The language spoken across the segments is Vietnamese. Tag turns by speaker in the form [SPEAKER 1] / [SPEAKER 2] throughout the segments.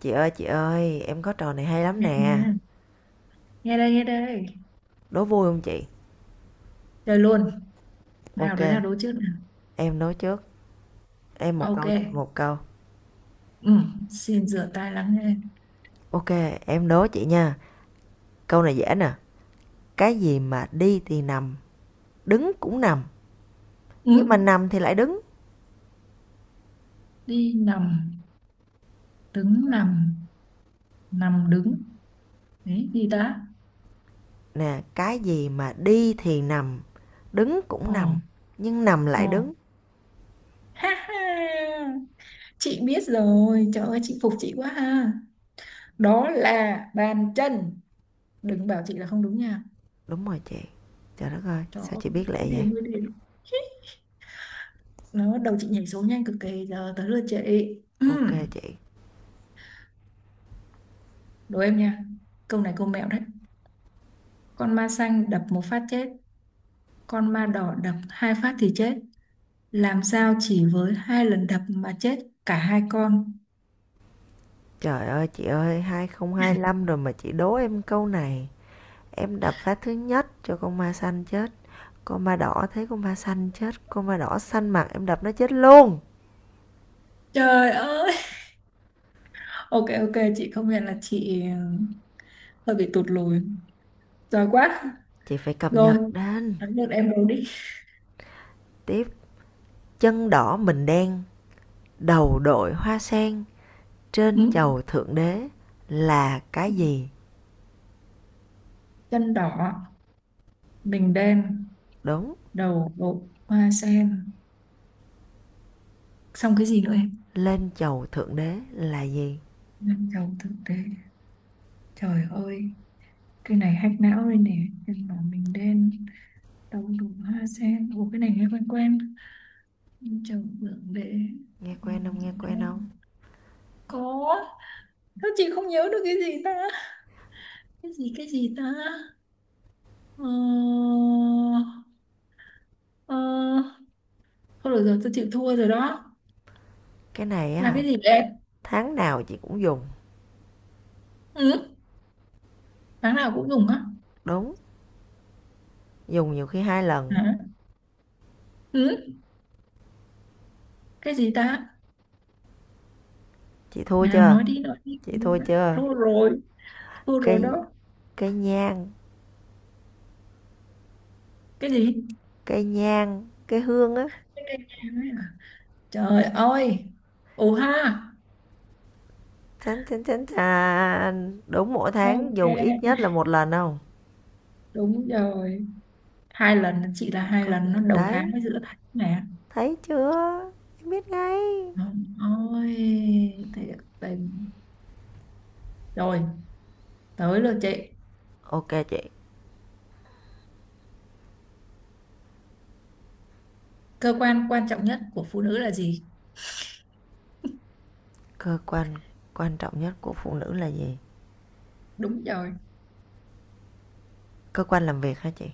[SPEAKER 1] Chị ơi, em có trò này hay lắm
[SPEAKER 2] Nghe
[SPEAKER 1] nè.
[SPEAKER 2] nghe. Nghe đây nghe đây.
[SPEAKER 1] Đố vui không chị?
[SPEAKER 2] Chơi luôn. Nào
[SPEAKER 1] Ok,
[SPEAKER 2] đứa nào đố trước nào?
[SPEAKER 1] em đố trước. Em một
[SPEAKER 2] Ok.
[SPEAKER 1] câu, chị một câu.
[SPEAKER 2] ừ, Xin rửa tay lắng nghe.
[SPEAKER 1] Ok, em đố chị nha. Câu này dễ nè. Cái gì mà đi thì nằm, đứng cũng nằm.
[SPEAKER 2] ừ,
[SPEAKER 1] Nhưng mà nằm thì lại đứng.
[SPEAKER 2] Đi nằm, đứng nằm, nằm đứng. Đấy gì ta?
[SPEAKER 1] Nè, cái gì mà đi thì nằm, đứng
[SPEAKER 2] Ồ.
[SPEAKER 1] cũng nằm. Nhưng nằm
[SPEAKER 2] Ồ.
[SPEAKER 1] lại đứng.
[SPEAKER 2] Ha ha, chị biết rồi. Trời ơi, chị phục chị quá ha. Đó là bàn chân. Đừng bảo chị là không đúng nha.
[SPEAKER 1] Đúng rồi chị. Trời đất ơi,
[SPEAKER 2] Trời
[SPEAKER 1] sao
[SPEAKER 2] ơi,
[SPEAKER 1] chị biết
[SPEAKER 2] mười
[SPEAKER 1] lẹ vậy?
[SPEAKER 2] điểm mười điểm. Nó đầu chị nhảy số nhanh cực kỳ. Giờ tới lượt chị. ừ,
[SPEAKER 1] Ok chị.
[SPEAKER 2] Đố em nha. Câu này câu mẹo đấy. Con ma xanh đập một phát chết, con ma đỏ đập hai phát thì chết. Làm sao chỉ với hai lần đập mà chết cả hai con?
[SPEAKER 1] Trời ơi chị ơi, 2025 rồi mà chị đố em câu này. Em đập phá thứ nhất cho con ma xanh chứ. Con ma đỏ thấy con ma xanh chết, con ma đỏ xanh mặt em đập nó chết luôn.
[SPEAKER 2] Trời ơi! Ok ok, chị công nhận là chị hơi bị tụt lùi. Giỏi quá.
[SPEAKER 1] Chị phải cập
[SPEAKER 2] Rồi,
[SPEAKER 1] nhật đến.
[SPEAKER 2] thắng được em rồi đi.
[SPEAKER 1] Tiếp chân đỏ mình đen, đầu đội hoa sen, trên
[SPEAKER 2] Ừ.
[SPEAKER 1] chầu thượng đế là cái gì?
[SPEAKER 2] Chân đỏ, mình đen,
[SPEAKER 1] Đúng,
[SPEAKER 2] đầu bộ hoa sen. Xong cái gì nữa em?
[SPEAKER 1] lên chầu thượng đế là gì?
[SPEAKER 2] Năm đầu thực tế. Trời ơi, cái này hack não đây nè. Chân đỏ mình đen. Đậu đủ hoa sen. Ủa cái này nghe quen quen, chồng vượng để,
[SPEAKER 1] Nghe quen không, nghe
[SPEAKER 2] nhìn
[SPEAKER 1] quen không?
[SPEAKER 2] lên. Có. Sao chị không nhớ được cái gì ta? Cái gì ta? Ờ, ờ, Thôi được rồi, tôi chịu thua rồi đó.
[SPEAKER 1] Cái này á
[SPEAKER 2] Là
[SPEAKER 1] hả,
[SPEAKER 2] cái gì đấy?
[SPEAKER 1] tháng nào chị cũng dùng.
[SPEAKER 2] Ừ. Tháng nào cũng dùng á?
[SPEAKER 1] Đúng, dùng nhiều khi hai lần.
[SPEAKER 2] Hả? Ừ. Cái gì ta?
[SPEAKER 1] Chị thua
[SPEAKER 2] Nào
[SPEAKER 1] chưa?
[SPEAKER 2] nói đi nói đi.
[SPEAKER 1] Chị thua chưa?
[SPEAKER 2] Thua rồi. Thua rồi
[SPEAKER 1] Cây,
[SPEAKER 2] đó.
[SPEAKER 1] cây nhang,
[SPEAKER 2] Cái gì?
[SPEAKER 1] cây nhang, cái hương á.
[SPEAKER 2] Cái cây nhang ấy à? Trời ơi. Ồ ha.
[SPEAKER 1] Chán. Đúng mỗi tháng
[SPEAKER 2] Ok,
[SPEAKER 1] dùng ít nhất là một lần không?
[SPEAKER 2] đúng rồi, hai lần. Chị là hai
[SPEAKER 1] Có khi.
[SPEAKER 2] lần nó đầu
[SPEAKER 1] Đấy,
[SPEAKER 2] tháng với giữa tháng nè.
[SPEAKER 1] thấy chưa? Em biết ngay.
[SPEAKER 2] Ôi, thiệt tình. Rồi, tới lượt chị.
[SPEAKER 1] Ok chị,
[SPEAKER 2] Cơ quan quan trọng nhất của phụ nữ là gì?
[SPEAKER 1] cơ quan quan trọng nhất của phụ nữ là gì?
[SPEAKER 2] Đúng rồi.
[SPEAKER 1] Cơ quan làm việc hả chị?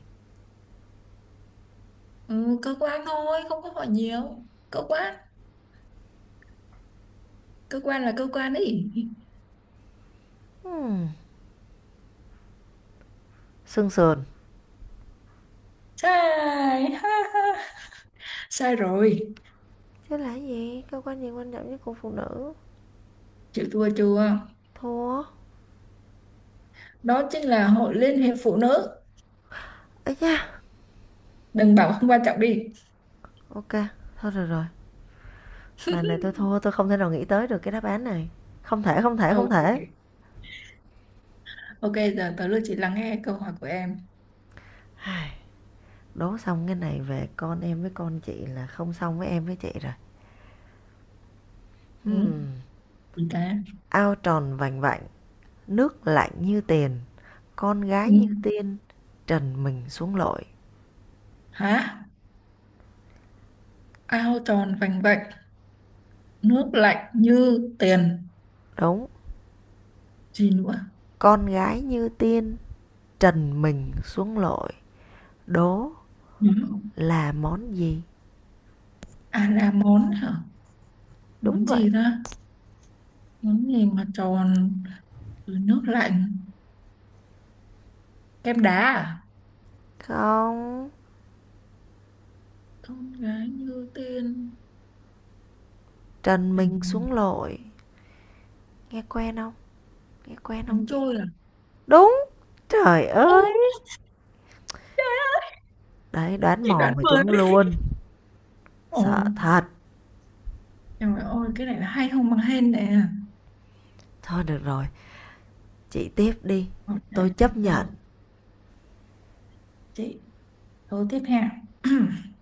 [SPEAKER 2] Ừ, Cơ quan thôi, không có hỏi nhiều cơ quan. Cơ quan là cơ quan ấy.
[SPEAKER 1] Hmm, xương sườn.
[SPEAKER 2] Sai. Ha, ha. Sai rồi.
[SPEAKER 1] Chứ là gì? Cơ quan gì quan trọng nhất của phụ nữ?
[SPEAKER 2] Chịu thua chưa?
[SPEAKER 1] Thua.
[SPEAKER 2] Đó chính là hội liên hiệp phụ nữ.
[SPEAKER 1] Ấy da.
[SPEAKER 2] Đừng bảo không quan trọng đi.
[SPEAKER 1] Ok, thôi rồi rồi. Mà này tôi thua, tôi không thể nào nghĩ tới được cái đáp án này. Không thể, không thể, không
[SPEAKER 2] Ok.
[SPEAKER 1] thể.
[SPEAKER 2] Ok, giờ tới lượt chị lắng nghe câu hỏi của em.
[SPEAKER 1] Đố xong cái này về con em với con chị là không xong với em với chị rồi.
[SPEAKER 2] ừ,
[SPEAKER 1] Hmm.
[SPEAKER 2] chị ta.
[SPEAKER 1] Ao tròn vành vạnh, nước lạnh như tiền, con gái
[SPEAKER 2] Ừ.
[SPEAKER 1] như tiên, trần mình xuống lội.
[SPEAKER 2] Hả? Ao tròn vành vạnh, nước lạnh như tiền.
[SPEAKER 1] Đúng,
[SPEAKER 2] Gì nữa?
[SPEAKER 1] con gái như tiên, trần mình xuống lội. Đố
[SPEAKER 2] Nhớ không?
[SPEAKER 1] là món gì?
[SPEAKER 2] À là món hả?
[SPEAKER 1] Đúng
[SPEAKER 2] Món
[SPEAKER 1] vậy.
[SPEAKER 2] gì ta? Món gì mà tròn rồi nước lạnh? Kem đá à?
[SPEAKER 1] Không,
[SPEAKER 2] Con gái như tiên.
[SPEAKER 1] trần
[SPEAKER 2] Tìm
[SPEAKER 1] mình
[SPEAKER 2] mình.
[SPEAKER 1] xuống lội. Nghe quen không? Nghe quen
[SPEAKER 2] Bánh
[SPEAKER 1] không chị?
[SPEAKER 2] trôi à?
[SPEAKER 1] Đúng, trời
[SPEAKER 2] Ô,
[SPEAKER 1] ơi. Đấy, đoán
[SPEAKER 2] chị
[SPEAKER 1] mò
[SPEAKER 2] đoán
[SPEAKER 1] mà
[SPEAKER 2] vừa
[SPEAKER 1] chúng
[SPEAKER 2] đấy.
[SPEAKER 1] luôn. Sợ
[SPEAKER 2] Ôi,
[SPEAKER 1] thật.
[SPEAKER 2] trời ơi, cái này là hay không bằng hên nè.
[SPEAKER 1] Thôi được rồi, chị tiếp đi.
[SPEAKER 2] Ok,
[SPEAKER 1] Tôi chấp nhận
[SPEAKER 2] rồi, chị câu tiếp theo.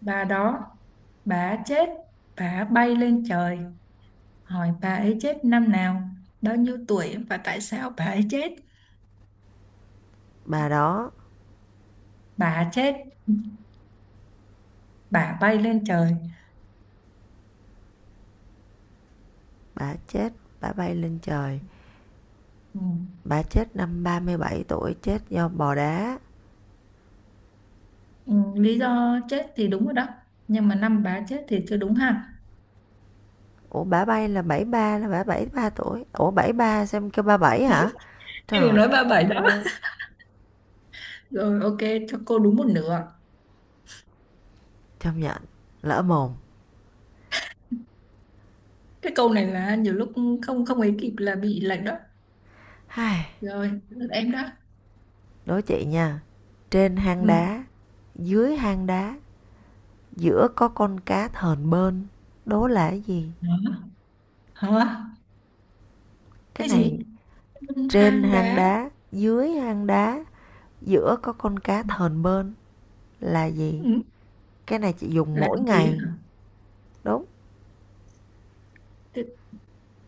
[SPEAKER 2] Bà đó, bà chết, bà bay lên trời. Hỏi bà ấy chết năm nào, bao nhiêu tuổi và tại sao bà ấy chết.
[SPEAKER 1] bà đó,
[SPEAKER 2] Bà chết, bà bay lên trời.
[SPEAKER 1] bà chết, bà bay lên trời.
[SPEAKER 2] Ừ.
[SPEAKER 1] Bà chết năm 37 tuổi, chết do bò đá.
[SPEAKER 2] Ừ, lý do chết thì đúng rồi đó, nhưng mà năm bà chết thì chưa đúng ha.
[SPEAKER 1] Ủa bà bay là bảy mươi ba, là bà 73 tuổi. Ủa 73 xem kêu 37 hả?
[SPEAKER 2] Em vừa
[SPEAKER 1] Trời
[SPEAKER 2] nói ba bảy đó.
[SPEAKER 1] ơi,
[SPEAKER 2] Rồi ok, cho cô đúng một nửa.
[SPEAKER 1] chấp nhận lỡ mồm.
[SPEAKER 2] Cái câu này là nhiều lúc không không ấy kịp là bị lệch đó.
[SPEAKER 1] Hai,
[SPEAKER 2] Rồi, lượt em đó.
[SPEAKER 1] đối chị nha. Trên hang
[SPEAKER 2] Ừ.
[SPEAKER 1] đá, dưới hang đá, giữa có con cá thờn bơn. Đố là cái gì?
[SPEAKER 2] Hả? Hả?
[SPEAKER 1] Cái
[SPEAKER 2] Cái gì?
[SPEAKER 1] này trên
[SPEAKER 2] Hang
[SPEAKER 1] hang
[SPEAKER 2] đá.
[SPEAKER 1] đá, dưới hang đá, giữa có con cá thờn bơn là gì?
[SPEAKER 2] Ừ.
[SPEAKER 1] Cái này chị dùng
[SPEAKER 2] Là
[SPEAKER 1] mỗi
[SPEAKER 2] gì
[SPEAKER 1] ngày.
[SPEAKER 2] đó?
[SPEAKER 1] Đúng,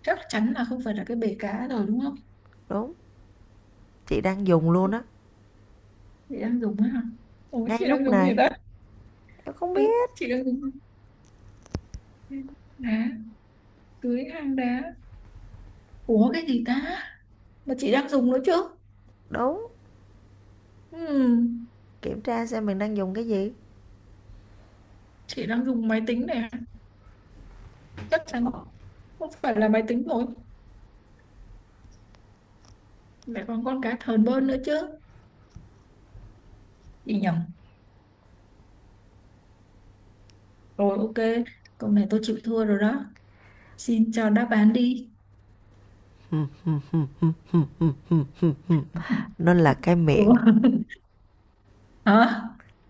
[SPEAKER 2] Chắc chắn là không phải là cái bể cá rồi đúng không?
[SPEAKER 1] đúng. Chị đang dùng luôn á.
[SPEAKER 2] Chị đang dùng á hả? Ủa
[SPEAKER 1] Ngay
[SPEAKER 2] chị đang
[SPEAKER 1] lúc
[SPEAKER 2] dùng gì
[SPEAKER 1] này
[SPEAKER 2] ta?
[SPEAKER 1] em không
[SPEAKER 2] Ừ,
[SPEAKER 1] biết
[SPEAKER 2] chị đang dùng đá, dưới hang đá. Ủa cái gì ta mà chị đang dùng nữa chứ?
[SPEAKER 1] đúng,
[SPEAKER 2] Ừm,
[SPEAKER 1] kiểm tra xem mình đang dùng cái gì.
[SPEAKER 2] chị đang dùng máy tính này à? Chắc chắn không phải là máy tính rồi, mẹ còn con cá thờn bơn nữa chứ. Chị nhầm rồi. Ok, câu này tôi chịu thua rồi đó, xin cho đáp án đi.
[SPEAKER 1] Nó là cái miệng.
[SPEAKER 2] Ủa. Hả?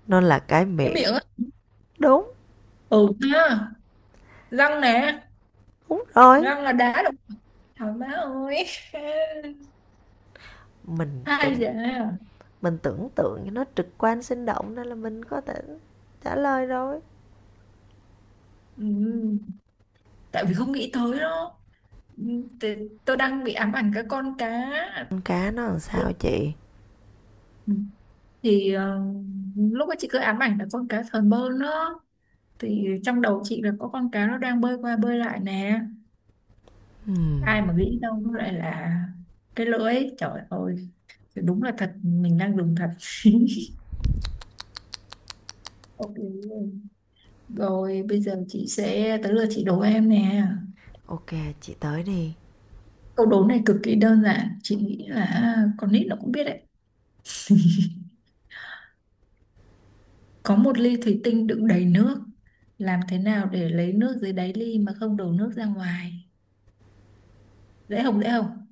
[SPEAKER 1] Nó là cái
[SPEAKER 2] Cái
[SPEAKER 1] miệng.
[SPEAKER 2] miệng á?
[SPEAKER 1] Đúng,
[SPEAKER 2] Ừ. Ha, răng nè.
[SPEAKER 1] đúng rồi.
[SPEAKER 2] Răng là đá đúng. Thảo má ơi.
[SPEAKER 1] mình
[SPEAKER 2] Hai
[SPEAKER 1] tưởng
[SPEAKER 2] giờ.
[SPEAKER 1] mình tưởng tượng cho nó trực quan sinh động nên là mình có thể trả lời rồi.
[SPEAKER 2] Ừ, tại vì không nghĩ tới đó. Ừ, thì Tôi đang bị ám ảnh cái con cá.
[SPEAKER 1] Con cá nó làm sao chị?
[SPEAKER 2] Ừ, thì lúc ấy chị cứ ám ảnh là con cá sờn bơn đó, thì trong đầu chị là có con cá nó đang bơi qua bơi lại nè.
[SPEAKER 1] Ừm,
[SPEAKER 2] Ai mà nghĩ đâu nó lại là cái lưỡi, trời ơi, thì đúng là thật, mình đang dùng thật. Ok luôn. Rồi bây giờ chị sẽ tới lượt chị đố em nè.
[SPEAKER 1] ok chị, tới đi.
[SPEAKER 2] Câu đố này cực kỳ đơn giản, chị nghĩ là con nít nó cũng biết đấy. Có một ly thủy tinh đựng đầy nước. Làm thế nào để lấy nước dưới đáy ly mà không đổ nước ra ngoài? Dễ không dễ không?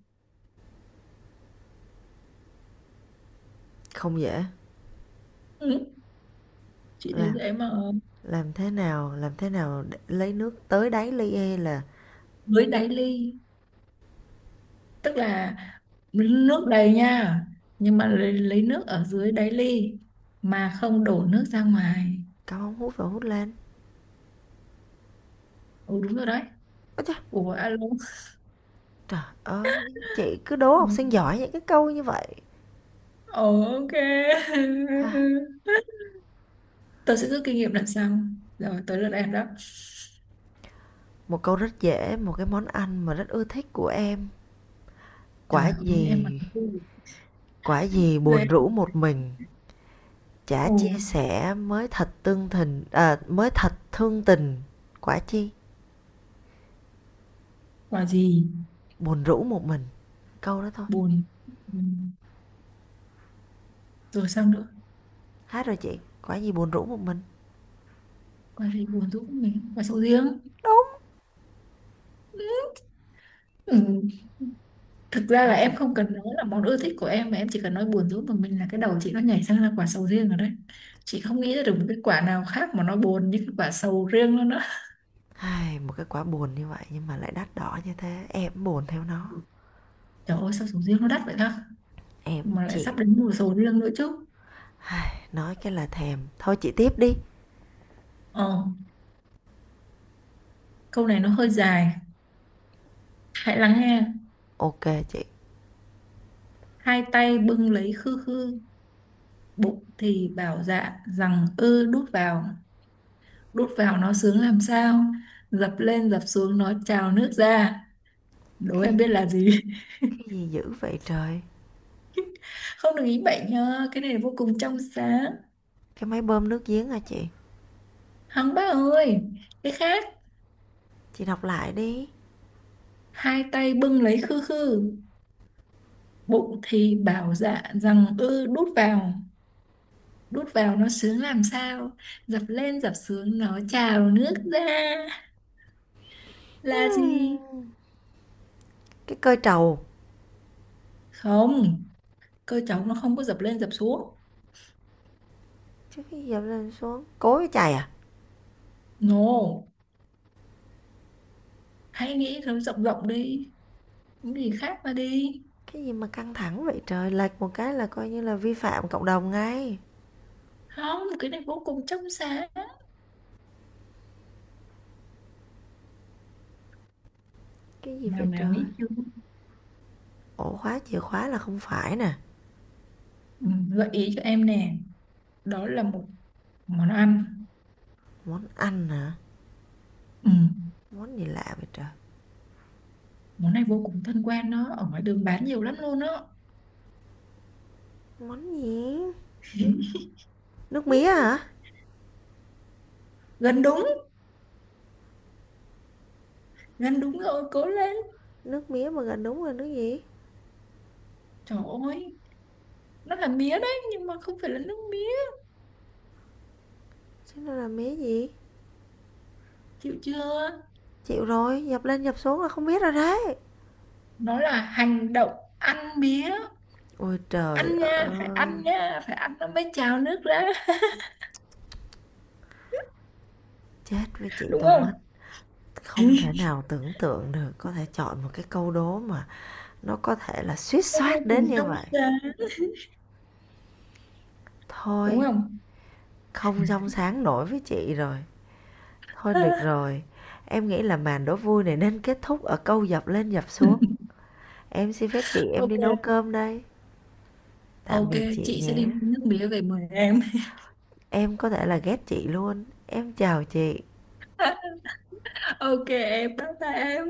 [SPEAKER 1] Không dễ.
[SPEAKER 2] Ừ. Chị thấy
[SPEAKER 1] làm
[SPEAKER 2] dễ mà.
[SPEAKER 1] làm thế nào làm thế nào để lấy nước tới đáy ly e là
[SPEAKER 2] Dưới đáy ly, tức là nước đầy nha, nhưng mà lấy nước ở dưới đáy ly mà không đổ nước ra ngoài.
[SPEAKER 1] cắm ống hút và hút lên.
[SPEAKER 2] Ừ đúng rồi đấy.
[SPEAKER 1] Ôi trời,
[SPEAKER 2] Ủa alo.
[SPEAKER 1] trời ơi, chị cứ đố
[SPEAKER 2] Ừ.
[SPEAKER 1] học sinh giỏi những cái câu như vậy.
[SPEAKER 2] Ồ, ok.
[SPEAKER 1] Ha,
[SPEAKER 2] Tôi sẽ rút kinh nghiệm lần sau. Rồi tới lượt em đó.
[SPEAKER 1] một câu rất dễ, một cái món ăn mà rất ưa thích của em.
[SPEAKER 2] Trời
[SPEAKER 1] Quả
[SPEAKER 2] ơi em mà
[SPEAKER 1] gì, quả gì buồn
[SPEAKER 2] dễ.
[SPEAKER 1] rũ một mình, chả
[SPEAKER 2] Ồ,
[SPEAKER 1] chia sẻ mới thật tương tình, mới thật thương tình. Quả chi,
[SPEAKER 2] quả gì
[SPEAKER 1] buồn rũ một mình. Câu đó thôi.
[SPEAKER 2] buồn. Ừ. Rồi sao nữa?
[SPEAKER 1] Hát rồi chị, quả gì buồn rũ một mình.
[SPEAKER 2] Quan hệ buồn tôi cũng mình và sầu riêng.
[SPEAKER 1] Đúng.
[SPEAKER 2] Ừ. Thực ra là
[SPEAKER 1] Quả
[SPEAKER 2] em
[SPEAKER 1] gì?
[SPEAKER 2] không cần nói là món ưa thích của em, mà em chỉ cần nói buồn rũ của mình là cái đầu chị nó nhảy sang là quả sầu riêng rồi đấy. Chị không nghĩ ra được một cái quả nào khác mà nó buồn như cái quả sầu riêng luôn á.
[SPEAKER 1] Ai, một cái quả buồn như vậy nhưng mà lại đắt đỏ như thế, em buồn theo nó.
[SPEAKER 2] Trời ơi, sao sầu riêng nó đắt vậy ta,
[SPEAKER 1] Em
[SPEAKER 2] mà lại sắp
[SPEAKER 1] chịu.
[SPEAKER 2] đến mùa sầu riêng nữa chứ.
[SPEAKER 1] Ai, nói cái là thèm. Thôi chị tiếp đi.
[SPEAKER 2] Ờ, câu này nó hơi dài, hãy lắng nghe.
[SPEAKER 1] Ok chị.
[SPEAKER 2] Hai tay bưng lấy khư khư, bụng thì bảo dạ rằng ư đút vào. Đút vào nó sướng làm sao, dập lên dập xuống nó trào nước ra. Đố
[SPEAKER 1] Cái
[SPEAKER 2] em biết là gì.
[SPEAKER 1] cái gì dữ vậy trời?
[SPEAKER 2] Không được ý bệnh nhá, cái này là vô cùng trong sáng.
[SPEAKER 1] Cái máy bơm nước giếng hả chị?
[SPEAKER 2] Hằng bác ơi, cái khác.
[SPEAKER 1] Chị đọc lại đi.
[SPEAKER 2] Hai tay bưng lấy khư khư, bụng thì bảo dạ rằng ư đút vào. Đút vào nó sướng làm sao, dập lên dập xuống nó trào nước ra. Là gì?
[SPEAKER 1] Cái cơi trầu.
[SPEAKER 2] Không, cơ cháu nó không có dập lên dập xuống.
[SPEAKER 1] Chứ cái dập lên xuống. Cối với chày à?
[SPEAKER 2] No, hãy nghĩ nó rộng rộng đi, những gì khác mà đi.
[SPEAKER 1] Cái gì mà căng thẳng vậy trời? Lệch một cái là coi như là vi phạm cộng đồng ngay.
[SPEAKER 2] Không, cái này vô cùng trong sáng.
[SPEAKER 1] Cái gì
[SPEAKER 2] Nào
[SPEAKER 1] vậy
[SPEAKER 2] nào,
[SPEAKER 1] trời?
[SPEAKER 2] nghĩ chưa?
[SPEAKER 1] Ổ khóa chìa khóa là không phải nè.
[SPEAKER 2] ừ, Gợi ý cho em nè, đó là một món ăn.
[SPEAKER 1] Món ăn hả?
[SPEAKER 2] Ừ.
[SPEAKER 1] Món gì lạ vậy trời?
[SPEAKER 2] Món này vô cùng thân quen đó, ở ngoài đường bán nhiều lắm luôn đó.
[SPEAKER 1] Món gì? Nước mía hả?
[SPEAKER 2] Gần đúng, gần đúng rồi, cố lên.
[SPEAKER 1] Nước mía mà gần đúng rồi nước gì?
[SPEAKER 2] Trời ơi, nó là mía đấy, nhưng mà không phải là nước mía.
[SPEAKER 1] Chứ nó là mía gì?
[SPEAKER 2] Chịu chưa?
[SPEAKER 1] Chịu rồi, dập lên dập xuống là không biết rồi đấy.
[SPEAKER 2] Nó là hành động ăn mía.
[SPEAKER 1] Ôi trời
[SPEAKER 2] Ăn nha, phải ăn
[SPEAKER 1] ơi,
[SPEAKER 2] nha, phải ăn nó mới trào nước ra,
[SPEAKER 1] chết với chị
[SPEAKER 2] đúng
[SPEAKER 1] tôi
[SPEAKER 2] không?
[SPEAKER 1] mất. Không thể nào tưởng tượng được có thể chọn một cái câu đố mà nó có thể là suýt
[SPEAKER 2] Nó
[SPEAKER 1] soát
[SPEAKER 2] vô
[SPEAKER 1] đến
[SPEAKER 2] cùng
[SPEAKER 1] như
[SPEAKER 2] trong
[SPEAKER 1] vậy.
[SPEAKER 2] sáng, đúng
[SPEAKER 1] Thôi
[SPEAKER 2] không?
[SPEAKER 1] không trong sáng nổi với chị rồi. Thôi được rồi, em nghĩ là màn đố vui này nên kết thúc ở câu dập lên dập xuống. Em xin phép chị em đi nấu
[SPEAKER 2] Ok.
[SPEAKER 1] cơm đây. Tạm
[SPEAKER 2] Ok,
[SPEAKER 1] biệt chị
[SPEAKER 2] chị sẽ
[SPEAKER 1] nhé.
[SPEAKER 2] đi mua nước mía về mời em.
[SPEAKER 1] Em có thể là ghét chị luôn. Em chào chị.
[SPEAKER 2] Ok, em bye bye em.